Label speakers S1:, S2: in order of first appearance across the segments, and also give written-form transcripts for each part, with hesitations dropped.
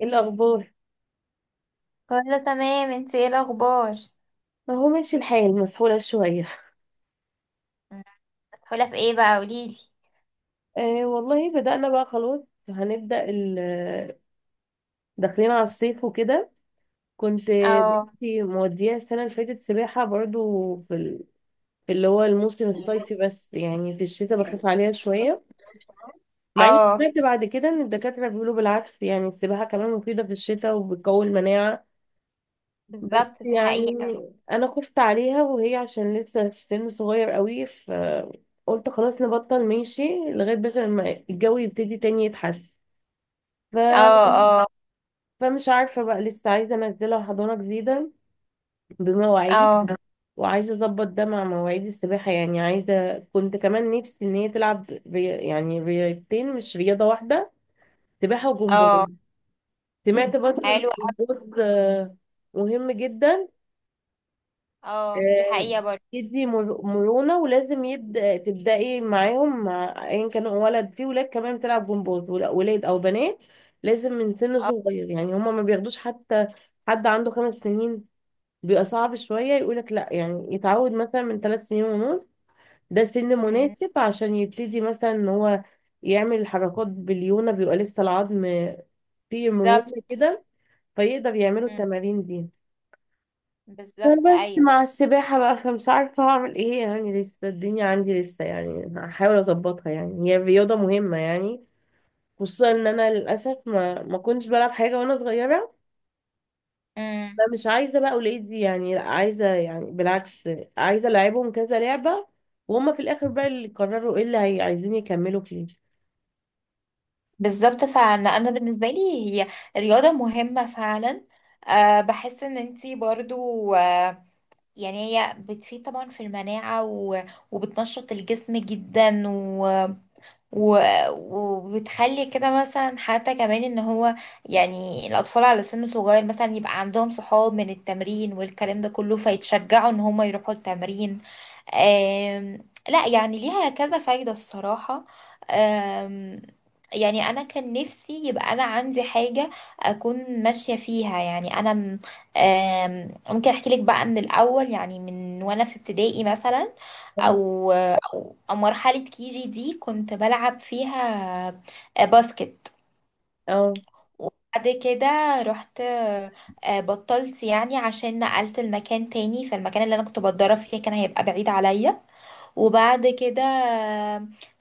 S1: إيه الأخبار؟
S2: كله تمام، انت ايه الاخبار؟
S1: أهو ماشي الحال، مسحولة شوية.
S2: مم. مسحولة في ايه بقى؟ قوليلي.
S1: آه والله، بدأنا بقى خلاص. هنبدأ ال- داخلين على الصيف وكده. كنت
S2: اه.
S1: بنتي موديها السنة اللي فاتت سباحة برضو في اللي هو الموسم الصيفي. بس يعني في الشتاء بخاف عليها شوية، مع إني
S2: اه،
S1: سمعت بعد كده إن الدكاترة بيقولوا بالعكس، يعني السباحة كمان مفيدة في الشتاء وبتقوي المناعة. بس
S2: بالظبط دي
S1: يعني
S2: حقيقة.
S1: انا خفت عليها وهي عشان لسه في سن صغير قوي، فقلت خلاص نبطل ماشي لغاية بس ما الجو يبتدي تاني يتحسن. ف...
S2: اه، اه،
S1: فمش عارفة بقى، لسه عايزة انزلها حضانة جديدة بمواعيد،
S2: اه،
S1: وعايزة اظبط ده مع مواعيد السباحة، يعني عايزة، كنت كمان نفسي ان هي تلعب يعني رياضتين مش رياضة واحدة، سباحة وجمباز.
S2: اه،
S1: سمعت برضه ان
S2: حلو أوي.
S1: الجمباز مهم جدا.
S2: اه، دي
S1: آه،
S2: حقيقة برضه.
S1: تدي مرونة، ولازم يبدأ تبدأي معاهم مع أيا كان ولد، في ولاد كمان بتلعب جمباز، ولاد أو بنات، لازم من سن صغير. يعني هما ما بياخدوش حتى حد عنده 5 سنين، بيبقى صعب شوية، يقولك لأ، يعني يتعود مثلا من 3 سنين ونص. ده سن
S2: مم،
S1: مناسب عشان يبتدي مثلا إن هو يعمل الحركات باليونة، بيبقى لسه العظم فيه
S2: بالظبط.
S1: مرونة كده، فيقدر يعملوا
S2: مم،
S1: التمارين دي.
S2: بالظبط،
S1: فبس
S2: ايوه.
S1: مع السباحة بقى، فمش عارفة هعمل ايه، يعني لسه الدنيا عندي لسه، يعني هحاول اظبطها، يعني هي رياضة مهمة يعني، خصوصا ان انا للأسف ما كنتش بلعب حاجة وانا صغيرة.
S2: مم،
S1: فمش عايزة بقى ولادي يعني لا، عايزة يعني بالعكس، عايزة العبهم كذا لعبة، وهم في الاخر بقى اللي يقرروا ايه اللي عايزين يكملوا فيه.
S2: بالظبط، فعلا انا بالنسبة لي هي رياضة مهمة فعلا. بحس ان انتي برضو، يعني هي بتفيد طبعا في المناعة وبتنشط الجسم جدا و... وبتخلي كده مثلا حتى كمان ان هو، يعني الاطفال على سن صغير مثلا يبقى عندهم صحاب من التمرين والكلام ده كله فيتشجعوا ان هم يروحوا التمرين. لا يعني ليها كذا فايدة الصراحة. آم... يعني انا كان نفسي يبقى انا عندي حاجة اكون ماشية فيها، يعني انا ممكن احكي لك بقى من الاول، يعني من وانا في ابتدائي مثلا، او مرحلة كيجي دي كنت بلعب فيها باسكت.
S1: اه.
S2: وبعد كده رحت، بطلت يعني، عشان نقلت المكان تاني، فالمكان اللي انا كنت بتدرب فيه كان هيبقى بعيد عليا. وبعد كده،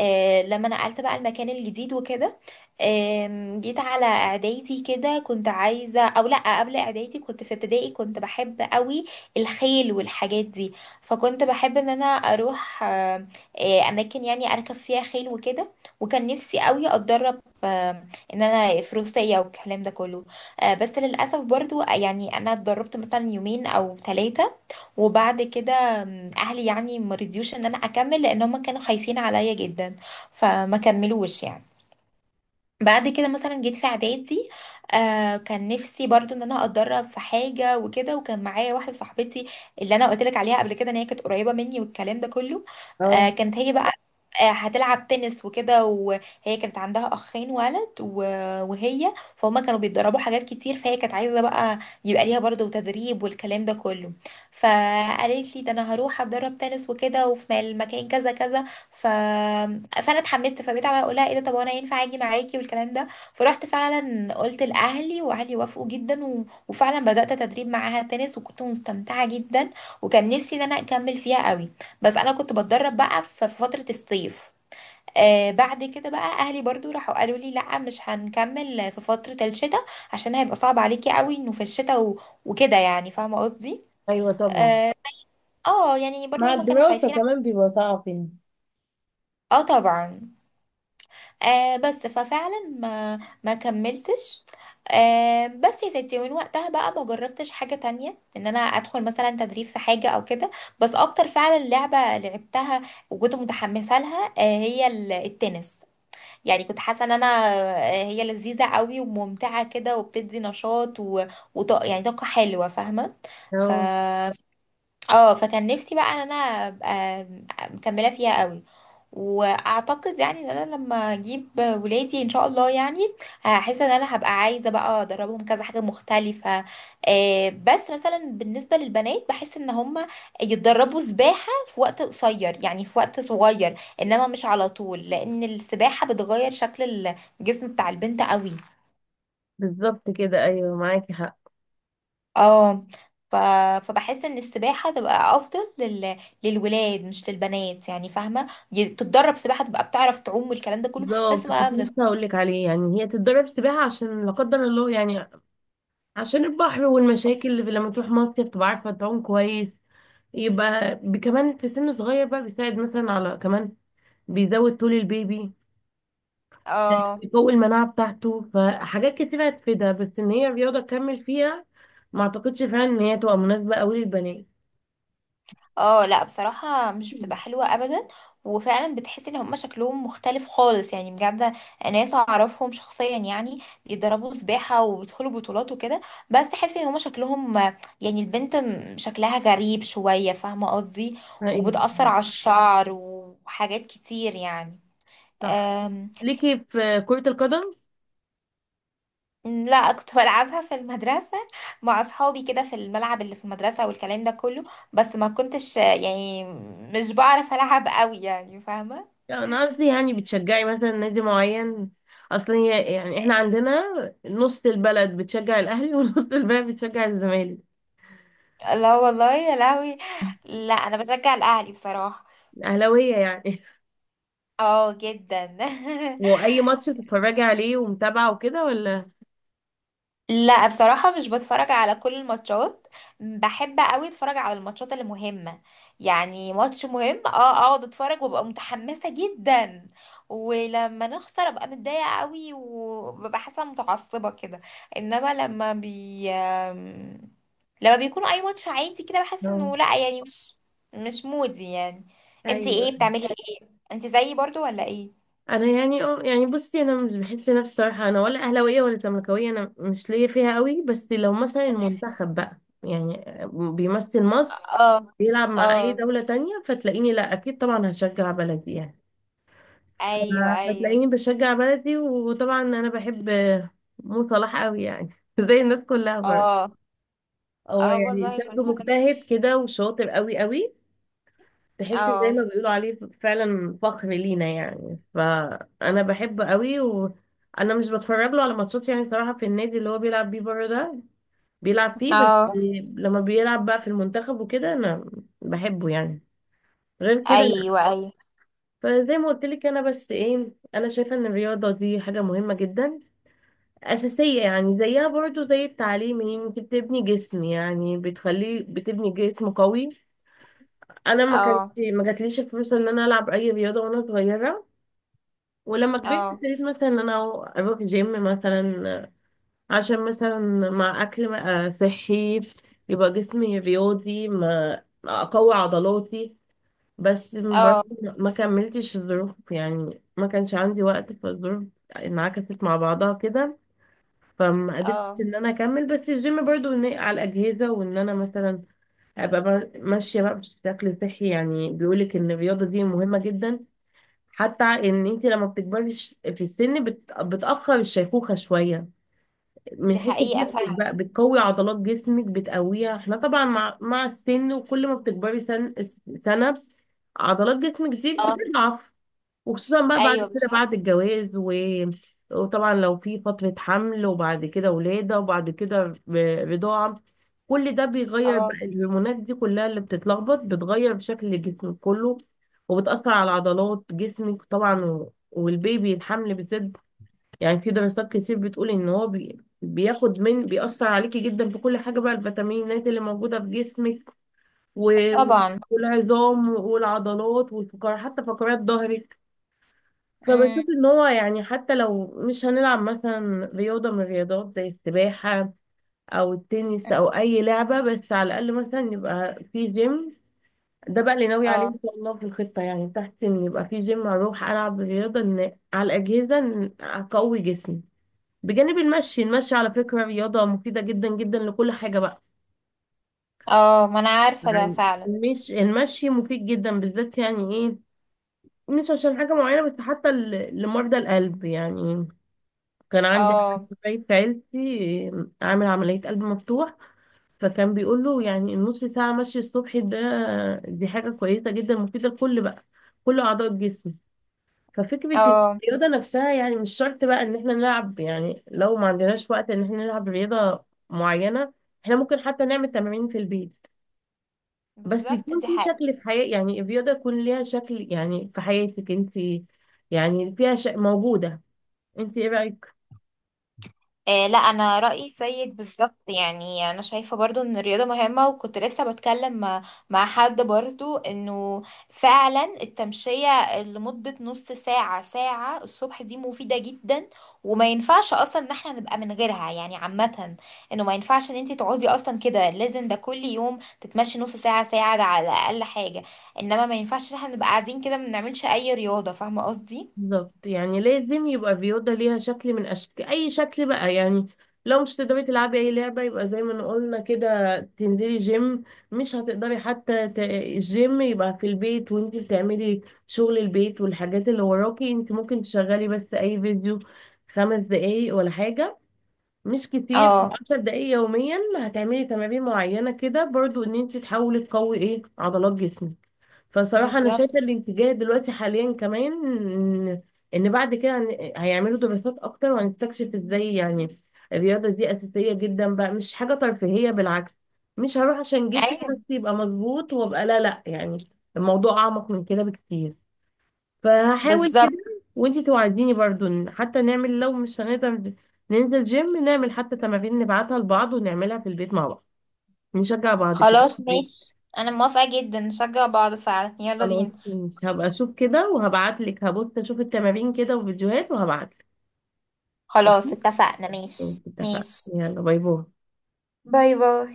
S2: لما نقلت بقى المكان الجديد وكده، جيت على اعدادي كده كنت عايزه، او لا قبل اعدادي كنت في ابتدائي كنت بحب قوي الخيل والحاجات دي. فكنت بحب ان انا اروح اماكن يعني اركب فيها خيل وكده. وكان نفسي قوي اتدرب، ان انا فروسيه والكلام ده كله. بس للاسف برضو، يعني انا اتدربت مثلا يومين او ثلاثه، وبعد كده اهلي يعني ما رضيوش ان انا اكمل، لان هم كانوا خايفين عليا جدا، فما كملوش يعني. بعد كده مثلا جيت في اعدادي، كان نفسي برضو ان انا اتدرب في حاجه وكده، وكان معايا واحده صاحبتي اللي انا قلت لك عليها قبل كده، ان هي كانت قريبه مني والكلام ده كله.
S1: اه.
S2: كانت هي بقى هتلعب تنس وكده، وهي كانت عندها اخين ولد، وهي فهم كانوا بيتدربوا حاجات كتير، فهي كانت عايزه بقى يبقى ليها برضو تدريب والكلام ده كله. فقالت لي ده انا هروح اتدرب تنس وكده وفي مكان كذا كذا. ف... فانا اتحمست، فبقيت عماله اقول لها ايه ده، طب وانا ينفع اجي معاكي والكلام ده. فرحت فعلا قلت لاهلي، واهلي وافقوا جدا وفعلا بدات تدريب معاها تنس، وكنت مستمتعه جدا، وكان نفسي ان انا اكمل فيها قوي. بس انا كنت بتدرب بقى في فتره الصيف. بعد كده بقى اهلي برضو راحوا قالوا لي لا مش هنكمل في فتره الشتاء، عشان هيبقى صعب عليكي قوي انه في الشتاء وكده، يعني فاهمه قصدي.
S1: ايوه طبعا،
S2: اه. يعني برضو
S1: مع
S2: هما كانوا
S1: الدراسة
S2: خايفين.
S1: كمان بيبقى صعب يعني.
S2: اه طبعا. بس ففعلا ما كملتش. بس يا ستي، ومن وقتها بقى ما جربتش حاجة تانية، ان انا ادخل مثلا تدريب في حاجة او كده. بس اكتر فعلا لعبة لعبتها وكنت متحمسة لها هي التنس. يعني كنت حاسة ان انا هي لذيذة قوي وممتعة كده، وبتدي نشاط يعني طاقة حلوة فاهمة. ف
S1: اه،
S2: اه فكان نفسي بقى ان انا ابقى مكملة فيها قوي. واعتقد يعني ان انا لما اجيب ولادي ان شاء الله، يعني هحس ان انا هبقى عايزه بقى ادربهم كذا حاجه مختلفه. بس مثلا بالنسبه للبنات بحس ان هم يتدربوا سباحه في وقت قصير، يعني في وقت صغير، انما مش على طول، لان السباحه بتغير شكل الجسم بتاع البنت قوي.
S1: بالظبط كده، ايوه معاكي حق.
S2: اه. ف... فبحس ان السباحه تبقى افضل للولاد مش للبنات، يعني فاهمه. تتدرب سباحه تبقى بتعرف تعوم والكلام ده كله بس
S1: بالظبط،
S2: بقى.
S1: كنت لسه هقول لك عليه، يعني هي تتدرب سباحة عشان لا قدر الله يعني، عشان البحر والمشاكل، اللي لما تروح مصيف تبقى عارفة تعوم كويس. يبقى كمان في سن صغير بقى، بيساعد مثلا على كمان بيزود طول البيبي،
S2: اه.
S1: بيقوي المناعة بتاعته، فحاجات كتير هتفيدها، بس ان هي رياضة تكمل فيها، ما اعتقدش فعلا ان هي تبقى مناسبة قوي للبنات.
S2: اه، لا بصراحة مش بتبقى
S1: مم.
S2: حلوة ابدا، وفعلا بتحس ان هما شكلهم مختلف خالص يعني بجد. ناس اعرفهم شخصيا يعني بيتدربوا سباحة وبيدخلوا بطولات وكده، بس تحس ان هما شكلهم، يعني البنت شكلها غريب شوية فاهمة قصدي،
S1: ايوه،
S2: وبتأثر على الشعر وحاجات كتير
S1: صح.
S2: يعني.
S1: ليكي في كرة القدم؟
S2: لا كنت بلعبها في المدرسة مع أصحابي كده، في الملعب اللي في المدرسة والكلام ده كله. بس ما كنتش، يعني مش بعرف ألعب قوي يعني فاهمة.
S1: لا، انا قصدي يعني بتشجعي مثلا نادي معين. اصلا هي يعني احنا عندنا، نص البلد بتشجع الاهلي ونص البلد بتشجع الزمالك.
S2: لا والله يا لهوي. لا أنا بشجع الأهلي بصراحة.
S1: اهلاويه يعني؟
S2: اه جدا.
S1: واي ماتش بتتفرجي عليه ومتابعه وكده ولا؟
S2: لا بصراحة مش بتفرج على كل الماتشات. بحب قوي اتفرج على الماتشات اللي مهمة. يعني ماتش مهم، اه، اقعد اتفرج وابقى متحمسة جدا، ولما نخسر ابقى متضايقة قوي، وببقى حاسة متعصبة كده. انما لما بي آم، لما بيكون اي ماتش عادي كده بحس
S1: اه،
S2: انه لا، يعني مش مودي يعني. انتي
S1: ايوه.
S2: ايه بتعملي ايه؟ انتي زيي برضو ولا ايه؟
S1: انا يعني اه يعني، بصي انا مش بحس نفسي صراحه، انا ولا اهلاويه ولا زملكاويه، انا مش ليا فيها قوي. بس لو مثلا المنتخب بقى يعني بيمثل مصر،
S2: اه،
S1: بيلعب مع اي
S2: اه،
S1: دوله تانية، فتلاقيني لا، اكيد طبعا هشجع بلدي يعني.
S2: ايوه، ايوه،
S1: فتلاقيني بشجع بلدي، وطبعا انا بحب مو صلاح قوي يعني زي الناس كلها برضه.
S2: اه،
S1: هو
S2: اه،
S1: يعني
S2: والله
S1: شاب
S2: كلنا.
S1: مجتهد كده، وشاطر قوي قوي. تحس زي ما
S2: اه،
S1: بيقولوا عليه، فعلا فخر لينا يعني. فانا بحبه قوي، وانا مش بتفرج له على ماتشات يعني صراحة، في النادي اللي هو بيلعب بيه بره ده بيلعب فيه بس.
S2: اه،
S1: لما بيلعب بقى في المنتخب وكده، انا بحبه يعني. غير كده لا.
S2: ايوه، ايوه،
S1: فزي ما قلت لك، انا بس ايه، انا شايفة ان الرياضة دي حاجة مهمة جدا، أساسية يعني، زيها برضو زي التعليم، يعني انت بتبني جسم، يعني بتخليه، بتبني جسم قوي. أنا
S2: اه،
S1: ما جاتليش الفلوس إن أنا ألعب أي رياضة وأنا صغيرة. ولما كبرت،
S2: اه،
S1: ابتديت مثلا إن أنا أروح جيم مثلا، عشان مثلا مع أكل صحي يبقى جسمي رياضي، ما أقوي عضلاتي. بس
S2: اه،
S1: برضه ما كملتش، الظروف يعني، ما كانش عندي وقت، فالظروف انعكست مع بعضها كده، فما قدرتش
S2: اه،
S1: ان انا اكمل. بس الجيم برضو على الاجهزه، وان انا مثلا ابقى ماشيه بقى بشكل صحي. يعني بيقولك ان الرياضه دي مهمه جدا، حتى ان انت لما بتكبري في السن، بتاخر الشيخوخه شويه،
S2: دي
S1: من حيث
S2: حقيقة
S1: جسمك
S2: فعلا.
S1: بقى، بتقوي عضلات جسمك بتقويها. احنا طبعا مع السن، وكل ما بتكبري سن سنه، عضلات جسمك دي
S2: اه،
S1: بتضعف. وخصوصا بقى بعد
S2: ايوه،
S1: كده،
S2: بالظبط.
S1: بعد الجواز وطبعا لو في فترة حمل، وبعد كده ولادة، وبعد كده رضاعة. كل ده بيغير بقى
S2: اه،
S1: الهرمونات دي كلها، اللي بتتلخبط بتغير شكل جسمك كله، وبتأثر على عضلات جسمك طبعا، والبيبي الحمل بتزيد. يعني في دراسات كتير بتقول ان هو بياخد من، بيأثر عليكي جدا في كل حاجة بقى، الفيتامينات اللي موجودة في جسمك، و...
S2: طبعا.
S1: والعظام والعضلات والفقرات، حتى فقرات ظهرك.
S2: امم،
S1: فبشوف ان هو يعني، حتى لو مش هنلعب مثلا رياضة من الرياضات زي السباحة او التنس او اي لعبة، بس على الاقل مثلا يبقى في جيم. ده بقى اللي ناوي عليه
S2: اه،
S1: ان شاء الله، في الخطة يعني بتاعتي، ان يبقى في جيم اروح العب رياضة، ان على الاجهزة، ان اقوي جسمي. بجانب المشي. المشي على فكرة رياضة مفيدة جدا جدا لكل حاجة بقى.
S2: اه، ما انا عارفة ده
S1: يعني
S2: فعلا.
S1: مش المشي مفيد جدا بالذات يعني ايه، مش عشان حاجة معينة بس، حتى لمرضى القلب يعني. كان عندي
S2: اه،
S1: حد قريب في عيلتي عامل عملية قلب مفتوح، فكان بيقول له يعني النص ساعة مشي الصبح ده، دي حاجة كويسة جدا، مفيدة لكل بقى كل أعضاء الجسم. ففكرة
S2: اه،
S1: الرياضة نفسها، يعني مش شرط بقى إن احنا نلعب، يعني لو ما عندناش وقت إن احنا نلعب رياضة معينة، احنا ممكن حتى نعمل تمارين في البيت. بس
S2: بالظبط
S1: يكون
S2: دي
S1: في
S2: حقيقة.
S1: شكل، في حياة يعني الرياضة يكون ليها شكل يعني في حياتك انت، يعني فيها موجودة. انت ايه رأيك؟
S2: لا انا رايي زيك بالظبط، يعني انا شايفه برضو ان الرياضه مهمه. وكنت لسه بتكلم مع, حد برضو انه فعلا التمشيه لمده نص ساعه ساعه الصبح دي مفيده جدا، وما ينفعش اصلا ان احنا نبقى من غيرها يعني عامه. انه ما ينفعش ان انت تقعدي اصلا كده، لازم ده كل يوم تتمشي نص ساعه ساعه، ده على اقل حاجه. انما ما ينفعش ان احنا نبقى قاعدين كده ما بنعملش اي رياضه، فاهمه قصدي.
S1: بالظبط، يعني لازم يبقى فيوضة ليها شكل من أشكال، أي شكل بقى يعني. لو مش تقدري تلعبي أي لعبة، يبقى زي ما قلنا كده تنزلي جيم. مش هتقدري حتى الجيم يبقى في البيت، وانتي بتعملي شغل البيت والحاجات اللي وراكي، انتي ممكن تشغلي بس أي فيديو، 5 دقايق ولا حاجة، مش كتير،
S2: اه،
S1: 10 دقايق يوميا هتعملي تمارين معينة كده، برضو ان انتي تحاولي تقوي ايه عضلات جسمك. فصراحة أنا
S2: بالظبط.
S1: شايفة الاتجاه دلوقتي حاليا كمان إن بعد كده هيعملوا دراسات أكتر، وهنستكشف إزاي يعني الرياضة دي أساسية جدا بقى، مش حاجة ترفيهية بالعكس. مش هروح عشان جسمي
S2: ايوه،
S1: بس يبقى مظبوط وأبقى، لا لا يعني، الموضوع أعمق من كده بكتير. فهحاول كده،
S2: بالظبط.
S1: وإنتي توعديني برضو إن حتى نعمل، لو مش هنقدر ننزل جيم، نعمل حتى تمارين نبعتها لبعض ونعملها في البيت مع بعض، نشجع بعض كده.
S2: خلاص ماشي، انا موافقة جدا، نشجع بعض فعلا، يلا
S1: خلاص
S2: بينا.
S1: ماشي، هبقى اشوف كده وهبعت لك، هبص اشوف التمارين كده وفيديوهات وهبعت لك.
S2: خلاص
S1: اوكي،
S2: اتفقنا،
S1: ماشي،
S2: ماشي،
S1: اتفقنا.
S2: ماشي.
S1: يلا، باي باي.
S2: باي باي.